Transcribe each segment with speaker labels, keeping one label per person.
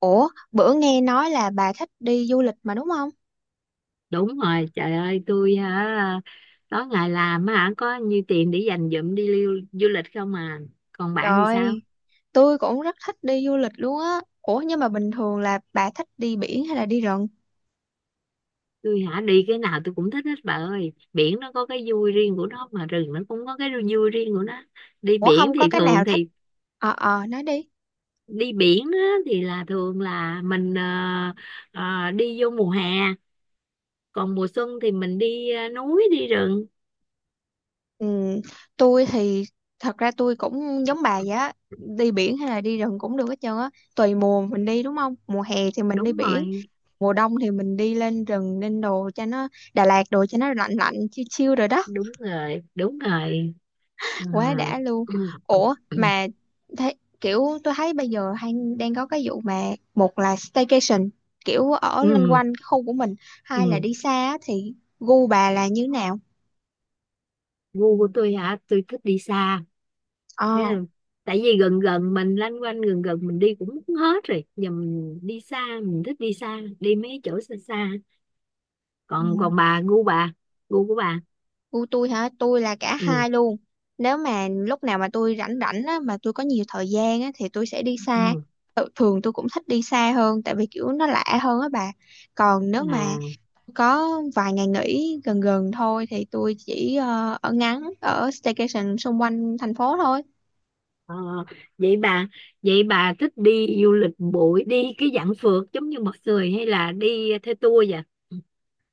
Speaker 1: Ủa, bữa nghe nói là bà thích đi du lịch mà đúng không?
Speaker 2: Đúng rồi, trời ơi, tôi hả? Tối ngày làm á hả, có nhiêu tiền để dành dụm đi lưu du lịch không à? Còn bạn thì sao?
Speaker 1: Trời, tôi cũng rất thích đi du lịch luôn á. Ủa nhưng mà bình thường là bà thích đi biển hay là đi rừng?
Speaker 2: Tôi hả? Đi cái nào tôi cũng thích hết, bà ơi. Biển nó có cái vui riêng của nó mà rừng nó cũng có cái vui riêng của nó. Đi
Speaker 1: Ủa
Speaker 2: biển
Speaker 1: không có
Speaker 2: thì
Speaker 1: cái nào
Speaker 2: thường
Speaker 1: thích?
Speaker 2: thì...
Speaker 1: Nói đi.
Speaker 2: đi biển á, thì là thường là mình đi vô mùa hè. Còn mùa xuân thì mình đi núi, đi rừng.
Speaker 1: Ừ, tôi thì thật ra tôi cũng giống bà vậy á. Đi biển hay là đi rừng cũng được hết trơn á. Tùy mùa mình đi đúng không? Mùa hè thì mình đi
Speaker 2: Đúng
Speaker 1: biển,
Speaker 2: rồi,
Speaker 1: mùa đông thì mình đi lên rừng lên đồ cho nó Đà Lạt đồ cho nó lạnh lạnh chill chill rồi đó.
Speaker 2: đúng rồi, đúng rồi à.
Speaker 1: Quá đã luôn.
Speaker 2: Ừ.
Speaker 1: Ủa mà, thấy kiểu tôi thấy bây giờ đang có cái vụ mà một là staycation, kiểu ở loanh
Speaker 2: Ừ.
Speaker 1: quanh cái khu của mình, hai là
Speaker 2: Ừ.
Speaker 1: đi xa á, thì gu bà là như nào?
Speaker 2: Gu của tôi hả? Tôi thích đi xa. Thế
Speaker 1: Ờ.
Speaker 2: là, tại vì gần gần mình lanh quanh, gần gần mình đi cũng hết rồi, giờ mình đi xa, mình thích đi xa, đi mấy chỗ xa xa. còn
Speaker 1: Ừ.
Speaker 2: còn bà, gu bà, gu của bà?
Speaker 1: Gu tôi hả? Tôi là cả
Speaker 2: Ừ.
Speaker 1: hai luôn. Nếu mà lúc nào mà tôi rảnh rảnh á mà tôi có nhiều thời gian á thì tôi sẽ đi xa.
Speaker 2: Ừ.
Speaker 1: Thường tôi cũng thích đi xa hơn tại vì kiểu nó lạ hơn á bà. Còn nếu mà
Speaker 2: À.
Speaker 1: có vài ngày nghỉ gần gần thôi thì tôi chỉ ở staycation xung quanh thành phố thôi.
Speaker 2: ờ, vậy bà vậy bà thích đi du lịch bụi, đi cái dạng phượt giống như mọi người, hay là đi theo tour vậy? Ừ.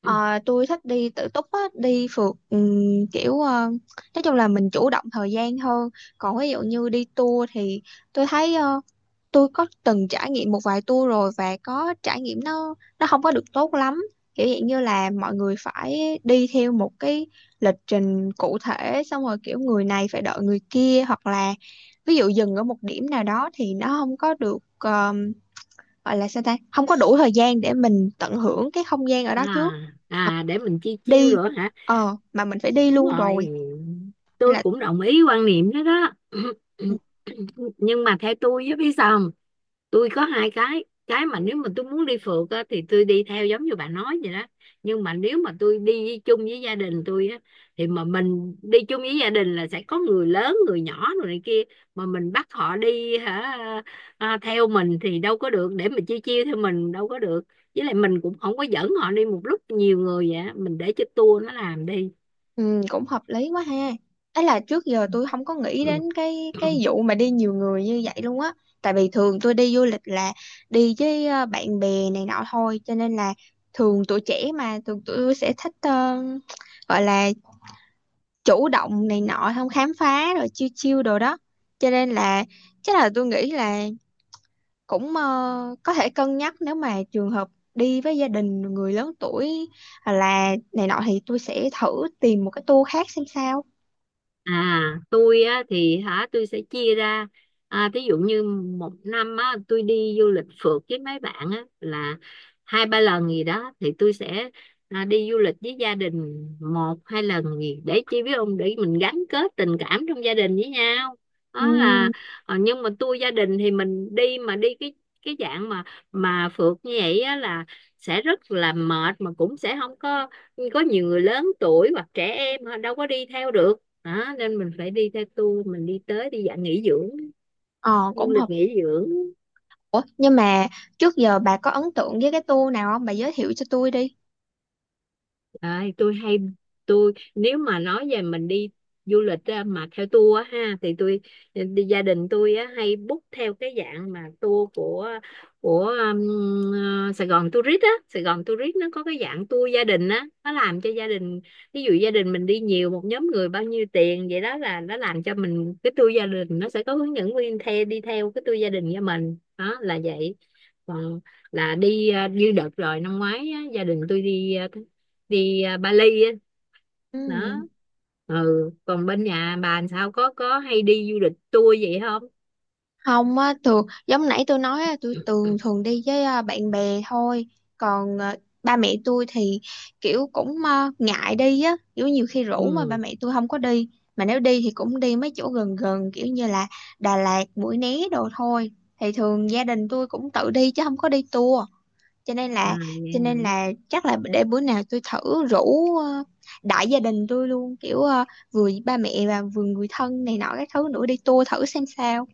Speaker 1: Ờ, tôi thích đi tự túc á, đi phượt, kiểu, nói chung là mình chủ động thời gian hơn. Còn ví dụ như đi tour thì tôi thấy, tôi có từng trải nghiệm một vài tour rồi và có trải nghiệm nó không có được tốt lắm. Kiểu dạng như là mọi người phải đi theo một cái lịch trình cụ thể, xong rồi kiểu người này phải đợi người kia, hoặc là ví dụ dừng ở một điểm nào đó thì nó không có được, gọi là sao ta, không có đủ thời gian để mình tận hưởng cái không gian ở
Speaker 2: Ừ.
Speaker 1: đó trước.
Speaker 2: À,
Speaker 1: Ờ,
Speaker 2: à, để mình chiêu chiêu
Speaker 1: đi
Speaker 2: rồi hả?
Speaker 1: ờ mà mình phải đi
Speaker 2: Đúng
Speaker 1: luôn
Speaker 2: rồi,
Speaker 1: rồi, nên
Speaker 2: tôi
Speaker 1: là.
Speaker 2: cũng đồng ý quan niệm đó đó. Nhưng mà theo tôi với, biết sao không? Tôi có hai cái. Cái mà nếu mà tôi muốn đi phượt á, thì tôi đi theo giống như bà nói vậy đó. Nhưng mà nếu mà tôi đi chung với gia đình tôi á, thì mà mình đi chung với gia đình là sẽ có người lớn, người nhỏ rồi này kia. Mà mình bắt họ đi hả, à, theo mình thì đâu có được. Để mà chia chia theo mình đâu có được. Với lại mình cũng không có dẫn họ đi một lúc nhiều người vậy á. Mình để cho tour nó làm đi.
Speaker 1: Ừ, cũng hợp lý quá ha. Ấy là trước giờ tôi không có nghĩ đến cái
Speaker 2: Ừ.
Speaker 1: vụ mà đi nhiều người như vậy luôn á. Tại vì thường tôi đi du lịch là đi với, bạn bè này nọ thôi, cho nên là thường tuổi trẻ mà thường tụi tôi sẽ thích, gọi là chủ động này nọ, không khám phá rồi chiêu chiêu đồ đó. Cho nên là chắc là tôi nghĩ là cũng, có thể cân nhắc nếu mà trường hợp đi với gia đình người lớn tuổi hoặc là này nọ thì tôi sẽ thử tìm một cái tour khác xem sao.
Speaker 2: À, tôi á thì hả, tôi sẽ chia ra, à, ví dụ như một năm á tôi đi du lịch phượt với mấy bạn á là hai ba lần gì đó, thì tôi sẽ, à, đi du lịch với gia đình một hai lần gì để chi biết ông, để mình gắn kết tình cảm trong gia đình với nhau,
Speaker 1: Ừ,
Speaker 2: đó là... nhưng mà tôi gia đình thì mình đi mà đi cái dạng mà phượt như vậy á là sẽ rất là mệt, mà cũng sẽ không có nhiều người lớn tuổi hoặc trẻ em, họ đâu có đi theo được. Đó nên mình phải đi theo tour, mình đi tới đi dạng nghỉ dưỡng,
Speaker 1: ờ
Speaker 2: du
Speaker 1: cũng hợp.
Speaker 2: lịch nghỉ dưỡng.
Speaker 1: Ủa, nhưng mà trước giờ bà có ấn tượng với cái tour nào không? Bà giới thiệu cho tôi đi.
Speaker 2: Đấy, tôi hay, tôi nếu mà nói về mình đi du lịch á, mà theo tour á ha, thì tôi đi gia đình tôi á, hay book theo cái dạng mà tour của Sài Gòn Tourist á. Sài Gòn Tourist nó có cái dạng tour gia đình á, nó làm cho gia đình, ví dụ gia đình mình đi nhiều, một nhóm người bao nhiêu tiền vậy đó, là nó làm cho mình cái tour gia đình, nó sẽ có hướng dẫn viên theo, đi theo cái tour gia đình cho mình, đó là vậy. Còn là đi, như đợt rồi năm ngoái á, gia đình tôi đi, đi, à, Bali á. Đó.
Speaker 1: Ừ.
Speaker 2: Ừ, còn bên nhà bà làm sao, có hay đi du lịch tour vậy không?
Speaker 1: Không á, thường giống nãy tôi nói á, tôi thường thường đi với, bạn bè thôi. Còn, ba mẹ tôi thì kiểu cũng, ngại đi á, kiểu nhiều khi rủ mà ba
Speaker 2: Ừ.
Speaker 1: mẹ tôi không có đi. Mà nếu đi thì cũng đi mấy chỗ gần gần kiểu như là Đà Lạt, Mũi Né đồ thôi. Thì thường gia đình tôi cũng tự đi chứ không có đi tour. cho nên
Speaker 2: À,
Speaker 1: là cho nên là chắc là để bữa nào tôi thử rủ, đại gia đình tôi luôn, kiểu, vừa ba mẹ và vừa người thân này nọ các thứ nữa đi tour thử xem sao.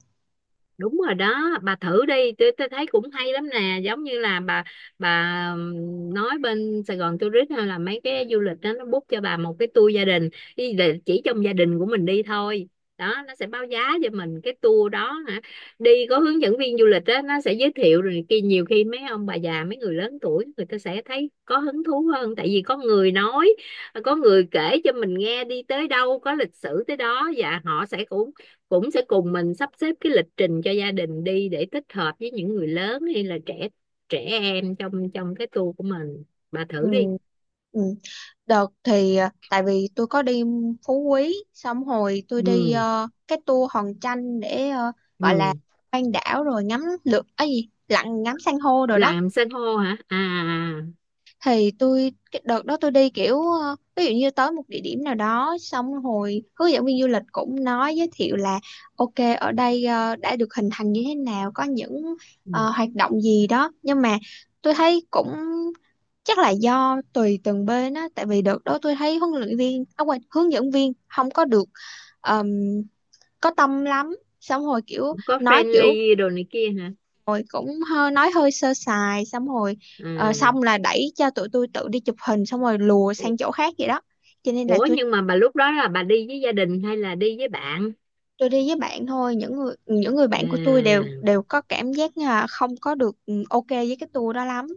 Speaker 2: đúng rồi đó, bà thử đi, tôi thấy cũng hay lắm nè. Giống như là bà nói bên Sài Gòn Tourist hay là mấy cái du lịch đó, nó book cho bà một cái tour gia đình đi, để chỉ trong gia đình của mình đi thôi. Đó, nó sẽ báo giá cho mình cái tour đó hả, đi có hướng dẫn viên du lịch, đó nó sẽ giới thiệu rồi kia. Nhiều khi mấy ông bà già, mấy người lớn tuổi, người ta sẽ thấy có hứng thú hơn, tại vì có người nói, có người kể cho mình nghe đi tới đâu có lịch sử tới đó. Và họ sẽ cũng cũng sẽ cùng mình sắp xếp cái lịch trình cho gia đình đi, để tích hợp với những người lớn hay là trẻ trẻ em trong trong cái tour của mình. Bà
Speaker 1: Ừ.
Speaker 2: thử đi.
Speaker 1: Ừ. Đợt thì, tại vì tôi có đi Phú Quý, xong hồi tôi đi,
Speaker 2: Ừ.
Speaker 1: cái tour Hòn Tranh để, gọi là
Speaker 2: Ừ.
Speaker 1: quanh đảo rồi ngắm lượt ấy gì, lặn ngắm san hô rồi đó.
Speaker 2: Làm san hô hả? À, à, à.
Speaker 1: Thì tôi cái đợt đó tôi đi kiểu, ví dụ như tới một địa điểm nào đó, xong hồi hướng dẫn viên du lịch cũng nói giới thiệu là ok, ở đây, đã được hình thành như thế nào, có những,
Speaker 2: Ừ.
Speaker 1: hoạt động gì đó. Nhưng mà tôi thấy cũng chắc là do tùy từng bên á, tại vì đợt đó tôi thấy huấn luyện viên, à, quên, hướng dẫn viên không có được, ờm, có tâm lắm. Xong hồi kiểu
Speaker 2: Cũng có
Speaker 1: nói kiểu
Speaker 2: friendly đồ này kia hả?
Speaker 1: rồi cũng hơi nói hơi sơ sài, xong rồi,
Speaker 2: À,
Speaker 1: xong là đẩy cho tụi tôi tự đi chụp hình xong rồi lùa sang chỗ khác vậy đó. Cho nên là
Speaker 2: ủa
Speaker 1: tôi
Speaker 2: nhưng mà bà lúc đó là bà đi với gia đình hay là đi với bạn?
Speaker 1: tôi đi với bạn thôi. Những người bạn của tôi đều
Speaker 2: À.
Speaker 1: đều có cảm giác là không có được, ok với cái tour đó lắm.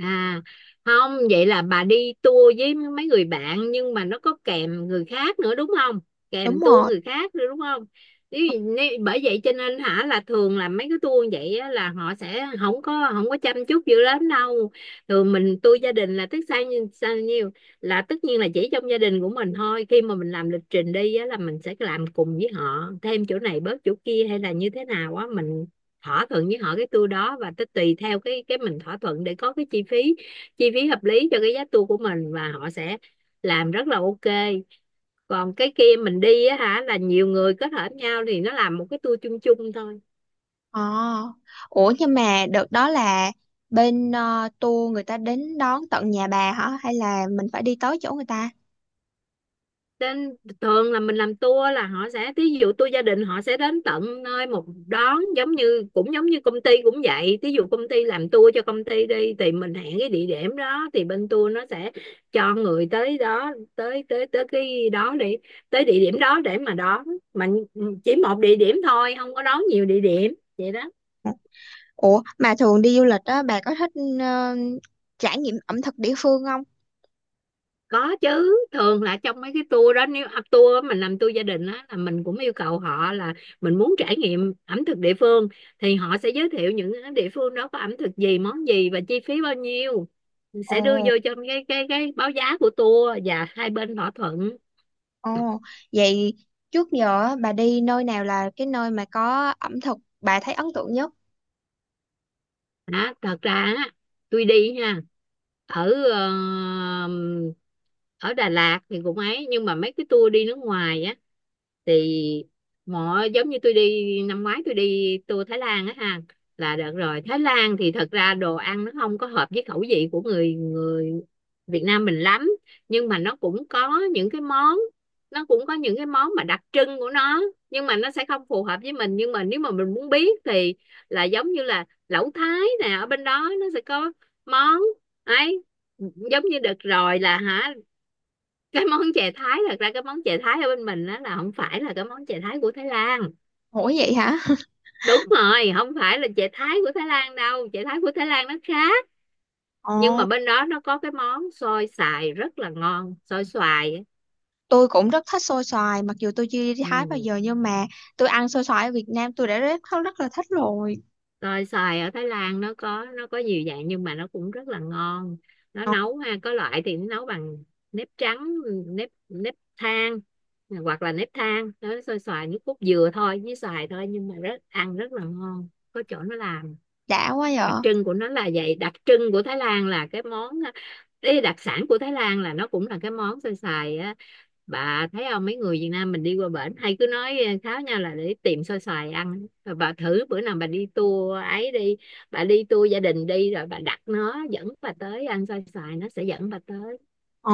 Speaker 2: À, không, vậy là bà đi tour với mấy người bạn nhưng mà nó có kèm người khác nữa đúng không?
Speaker 1: Đúng
Speaker 2: Kèm tour
Speaker 1: rồi.
Speaker 2: người khác nữa đúng không? Nếu, nếu, bởi vậy cho nên hả, là thường là mấy cái tour vậy á, là họ sẽ không có chăm chút dữ lắm đâu. Thường mình tour gia đình là tức sao nhiêu sao nhiêu, là tất nhiên là chỉ trong gia đình của mình thôi. Khi mà mình làm lịch trình đi á, là mình sẽ làm cùng với họ, thêm chỗ này bớt chỗ kia hay là như thế nào á, mình thỏa thuận với họ cái tour đó, và tới tùy theo cái mình thỏa thuận để có cái chi phí hợp lý cho cái giá tour của mình, và họ sẽ làm rất là ok. Còn cái kia mình đi á hả, là nhiều người kết hợp nhau thì nó làm một cái tour chung chung thôi.
Speaker 1: Ờ ủa nhưng mà đợt đó là bên, tour người ta đến đón tận nhà bà hả, hay là mình phải đi tới chỗ người ta?
Speaker 2: Trên thường là mình làm tour là họ sẽ, thí dụ tour gia đình, họ sẽ đến tận nơi một đón, giống như cũng giống như công ty cũng vậy, thí dụ công ty làm tour cho công ty đi, thì mình hẹn cái địa điểm đó, thì bên tour nó sẽ cho người tới đó, tới tới tới cái đó đi, tới địa điểm đó để mà đón mình, chỉ một địa điểm thôi, không có đón nhiều địa điểm vậy đó.
Speaker 1: Ủa mà thường đi du lịch á, bà có thích, ờ, trải nghiệm ẩm thực địa phương không?
Speaker 2: Có chứ, thường là trong mấy cái tour đó, nếu, à, tour á, mình làm tour gia đình á, là mình cũng yêu cầu họ là mình muốn trải nghiệm ẩm thực địa phương, thì họ sẽ giới thiệu những cái địa phương đó có ẩm thực gì, món gì và chi phí bao nhiêu, sẽ đưa
Speaker 1: Ồ.
Speaker 2: vô trong cái báo giá của tour, và hai bên thỏa thuận.
Speaker 1: Ồ, vậy trước giờ á, bà đi nơi nào là cái nơi mà có ẩm thực bà thấy ấn tượng nhất?
Speaker 2: Đó, thật ra á, tôi đi ha, ở, ở Đà Lạt thì cũng ấy, nhưng mà mấy cái tour đi nước ngoài á thì, mỗi giống như tôi đi năm ngoái, tôi đi tour Thái Lan á ha, là đợt rồi Thái Lan thì thật ra đồ ăn nó không có hợp với khẩu vị của người người Việt Nam mình lắm. Nhưng mà nó cũng có những cái món mà đặc trưng của nó, nhưng mà nó sẽ không phù hợp với mình. Nhưng mà nếu mà mình muốn biết thì, là giống như là lẩu Thái nè, ở bên đó nó sẽ có món ấy. Giống như đợt rồi là hả, cái món chè Thái, thật ra cái món chè Thái ở bên mình đó là không phải là cái món chè Thái của Thái Lan.
Speaker 1: Ủa vậy hả?
Speaker 2: Đúng rồi, không phải là chè Thái của Thái Lan đâu, chè Thái của Thái Lan nó khác. Nhưng mà
Speaker 1: Ồ,
Speaker 2: bên đó nó có cái món xôi xoài rất là ngon, xôi xoài á.
Speaker 1: tôi cũng rất thích xôi xoài, mặc dù tôi chưa đi Thái bao
Speaker 2: Ừ.
Speaker 1: giờ nhưng mà tôi ăn xôi xoài ở Việt Nam tôi đã rất rất là thích rồi.
Speaker 2: Xôi xoài ở Thái Lan nó có nhiều dạng, nhưng mà nó cũng rất là ngon. Nó
Speaker 1: Ờ,
Speaker 2: nấu ha, có loại thì nó nấu bằng nếp trắng, nếp nếp than, hoặc là nếp than, nó xôi xoài nước cốt dừa thôi, với xoài thôi, nhưng mà rất ăn rất là ngon. Có chỗ nó làm
Speaker 1: đã quá
Speaker 2: đặc
Speaker 1: vậy.
Speaker 2: trưng của nó là vậy. Đặc trưng của Thái Lan là cái món, cái đặc sản của Thái Lan là nó cũng là cái món xôi xoài á. Bà thấy không, mấy người Việt Nam mình đi qua bển hay cứ nói kháo nhau là để tìm xôi xoài ăn. Rồi bà thử bữa nào bà đi tour ấy đi, bà đi tour gia đình đi, rồi bà đặt nó dẫn bà tới ăn xôi xoài, nó sẽ dẫn bà tới.
Speaker 1: Ờ,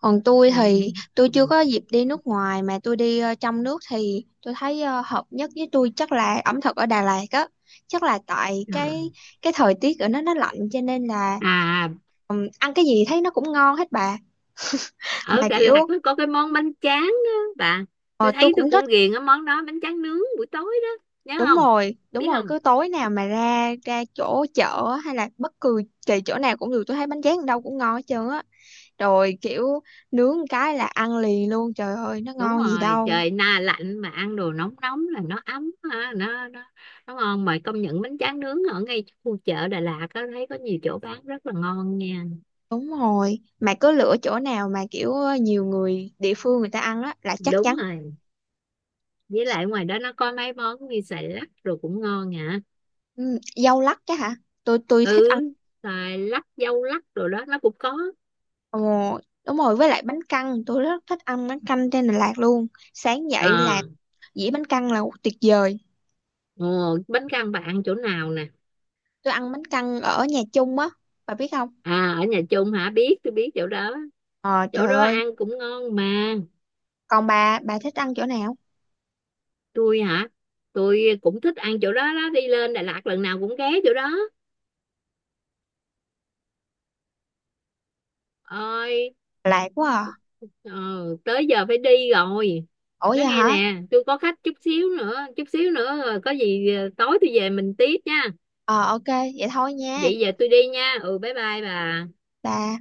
Speaker 1: còn tôi
Speaker 2: Ừ.
Speaker 1: thì tôi chưa
Speaker 2: Ừ.
Speaker 1: có dịp đi nước ngoài, mà tôi đi, trong nước thì tôi thấy, hợp nhất với tôi chắc là ẩm thực ở Đà Lạt á. Chắc là tại
Speaker 2: Ừ.
Speaker 1: cái
Speaker 2: À,
Speaker 1: cái thời tiết ở nó lạnh cho nên là.
Speaker 2: à,
Speaker 1: Ăn cái gì thấy nó cũng ngon hết bà.
Speaker 2: ở
Speaker 1: Mà
Speaker 2: Đà Lạt
Speaker 1: kiểu,
Speaker 2: nó có cái món bánh tráng á bà.
Speaker 1: ờ,
Speaker 2: Tôi
Speaker 1: tôi
Speaker 2: thấy tôi
Speaker 1: cũng thích.
Speaker 2: cũng ghiền cái món đó, bánh tráng nướng buổi tối đó, nhớ
Speaker 1: Đúng
Speaker 2: không?
Speaker 1: rồi, đúng
Speaker 2: Biết
Speaker 1: rồi,
Speaker 2: không,
Speaker 1: cứ tối nào mà ra ra chỗ chợ hay là bất cứ kỳ chỗ nào cũng được, tôi thấy bánh tráng ở đâu cũng ngon hết trơn á. Rồi kiểu nướng một cái là ăn liền luôn, trời ơi nó
Speaker 2: đúng
Speaker 1: ngon gì
Speaker 2: rồi,
Speaker 1: đâu.
Speaker 2: trời na lạnh mà ăn đồ nóng nóng là nó ấm ha, nó ngon mà. Công nhận bánh tráng nướng ở ngay khu chợ Đà Lạt, có thấy có nhiều chỗ bán rất là ngon nha.
Speaker 1: Đúng rồi, mà cứ lựa chỗ nào mà kiểu nhiều người địa phương người ta ăn á là chắc
Speaker 2: Đúng
Speaker 1: chắn.
Speaker 2: rồi, với lại ngoài đó nó có mấy món như xoài lắc rồi cũng ngon hả.
Speaker 1: Ừ, dâu lắc chứ hả. Tôi thích
Speaker 2: Ừ,
Speaker 1: ăn.
Speaker 2: xoài lắc dâu lắc rồi đó, nó cũng có.
Speaker 1: Ồ, đúng rồi, với lại bánh căn tôi rất thích ăn bánh canh trên Đà Lạt luôn. Sáng dậy
Speaker 2: Ờ,
Speaker 1: là dĩa bánh căn là tuyệt vời.
Speaker 2: ồ, bánh căn bà ăn chỗ nào nè?
Speaker 1: Tôi ăn bánh căn ở nhà chung á, bà biết không?
Speaker 2: À, ở nhà chung hả, biết, tôi biết chỗ đó.
Speaker 1: Ờ,
Speaker 2: Chỗ
Speaker 1: trời
Speaker 2: đó
Speaker 1: ơi.
Speaker 2: ăn cũng ngon mà.
Speaker 1: Còn bà thích ăn chỗ nào?
Speaker 2: Tôi hả? Tôi cũng thích ăn chỗ đó đó, đi lên Đà Lạt lần nào cũng ghé chỗ đó. Ơi,
Speaker 1: Lạ quá à.
Speaker 2: ờ, tới giờ phải đi rồi.
Speaker 1: Ủa vậy
Speaker 2: Nói nghe
Speaker 1: hả?
Speaker 2: nè, tôi có khách, chút xíu nữa rồi có gì tối tôi về mình tiếp nha.
Speaker 1: Ờ, ok. Vậy thôi nha.
Speaker 2: Vậy giờ tôi đi nha, ừ, bye bye bà.
Speaker 1: Bà.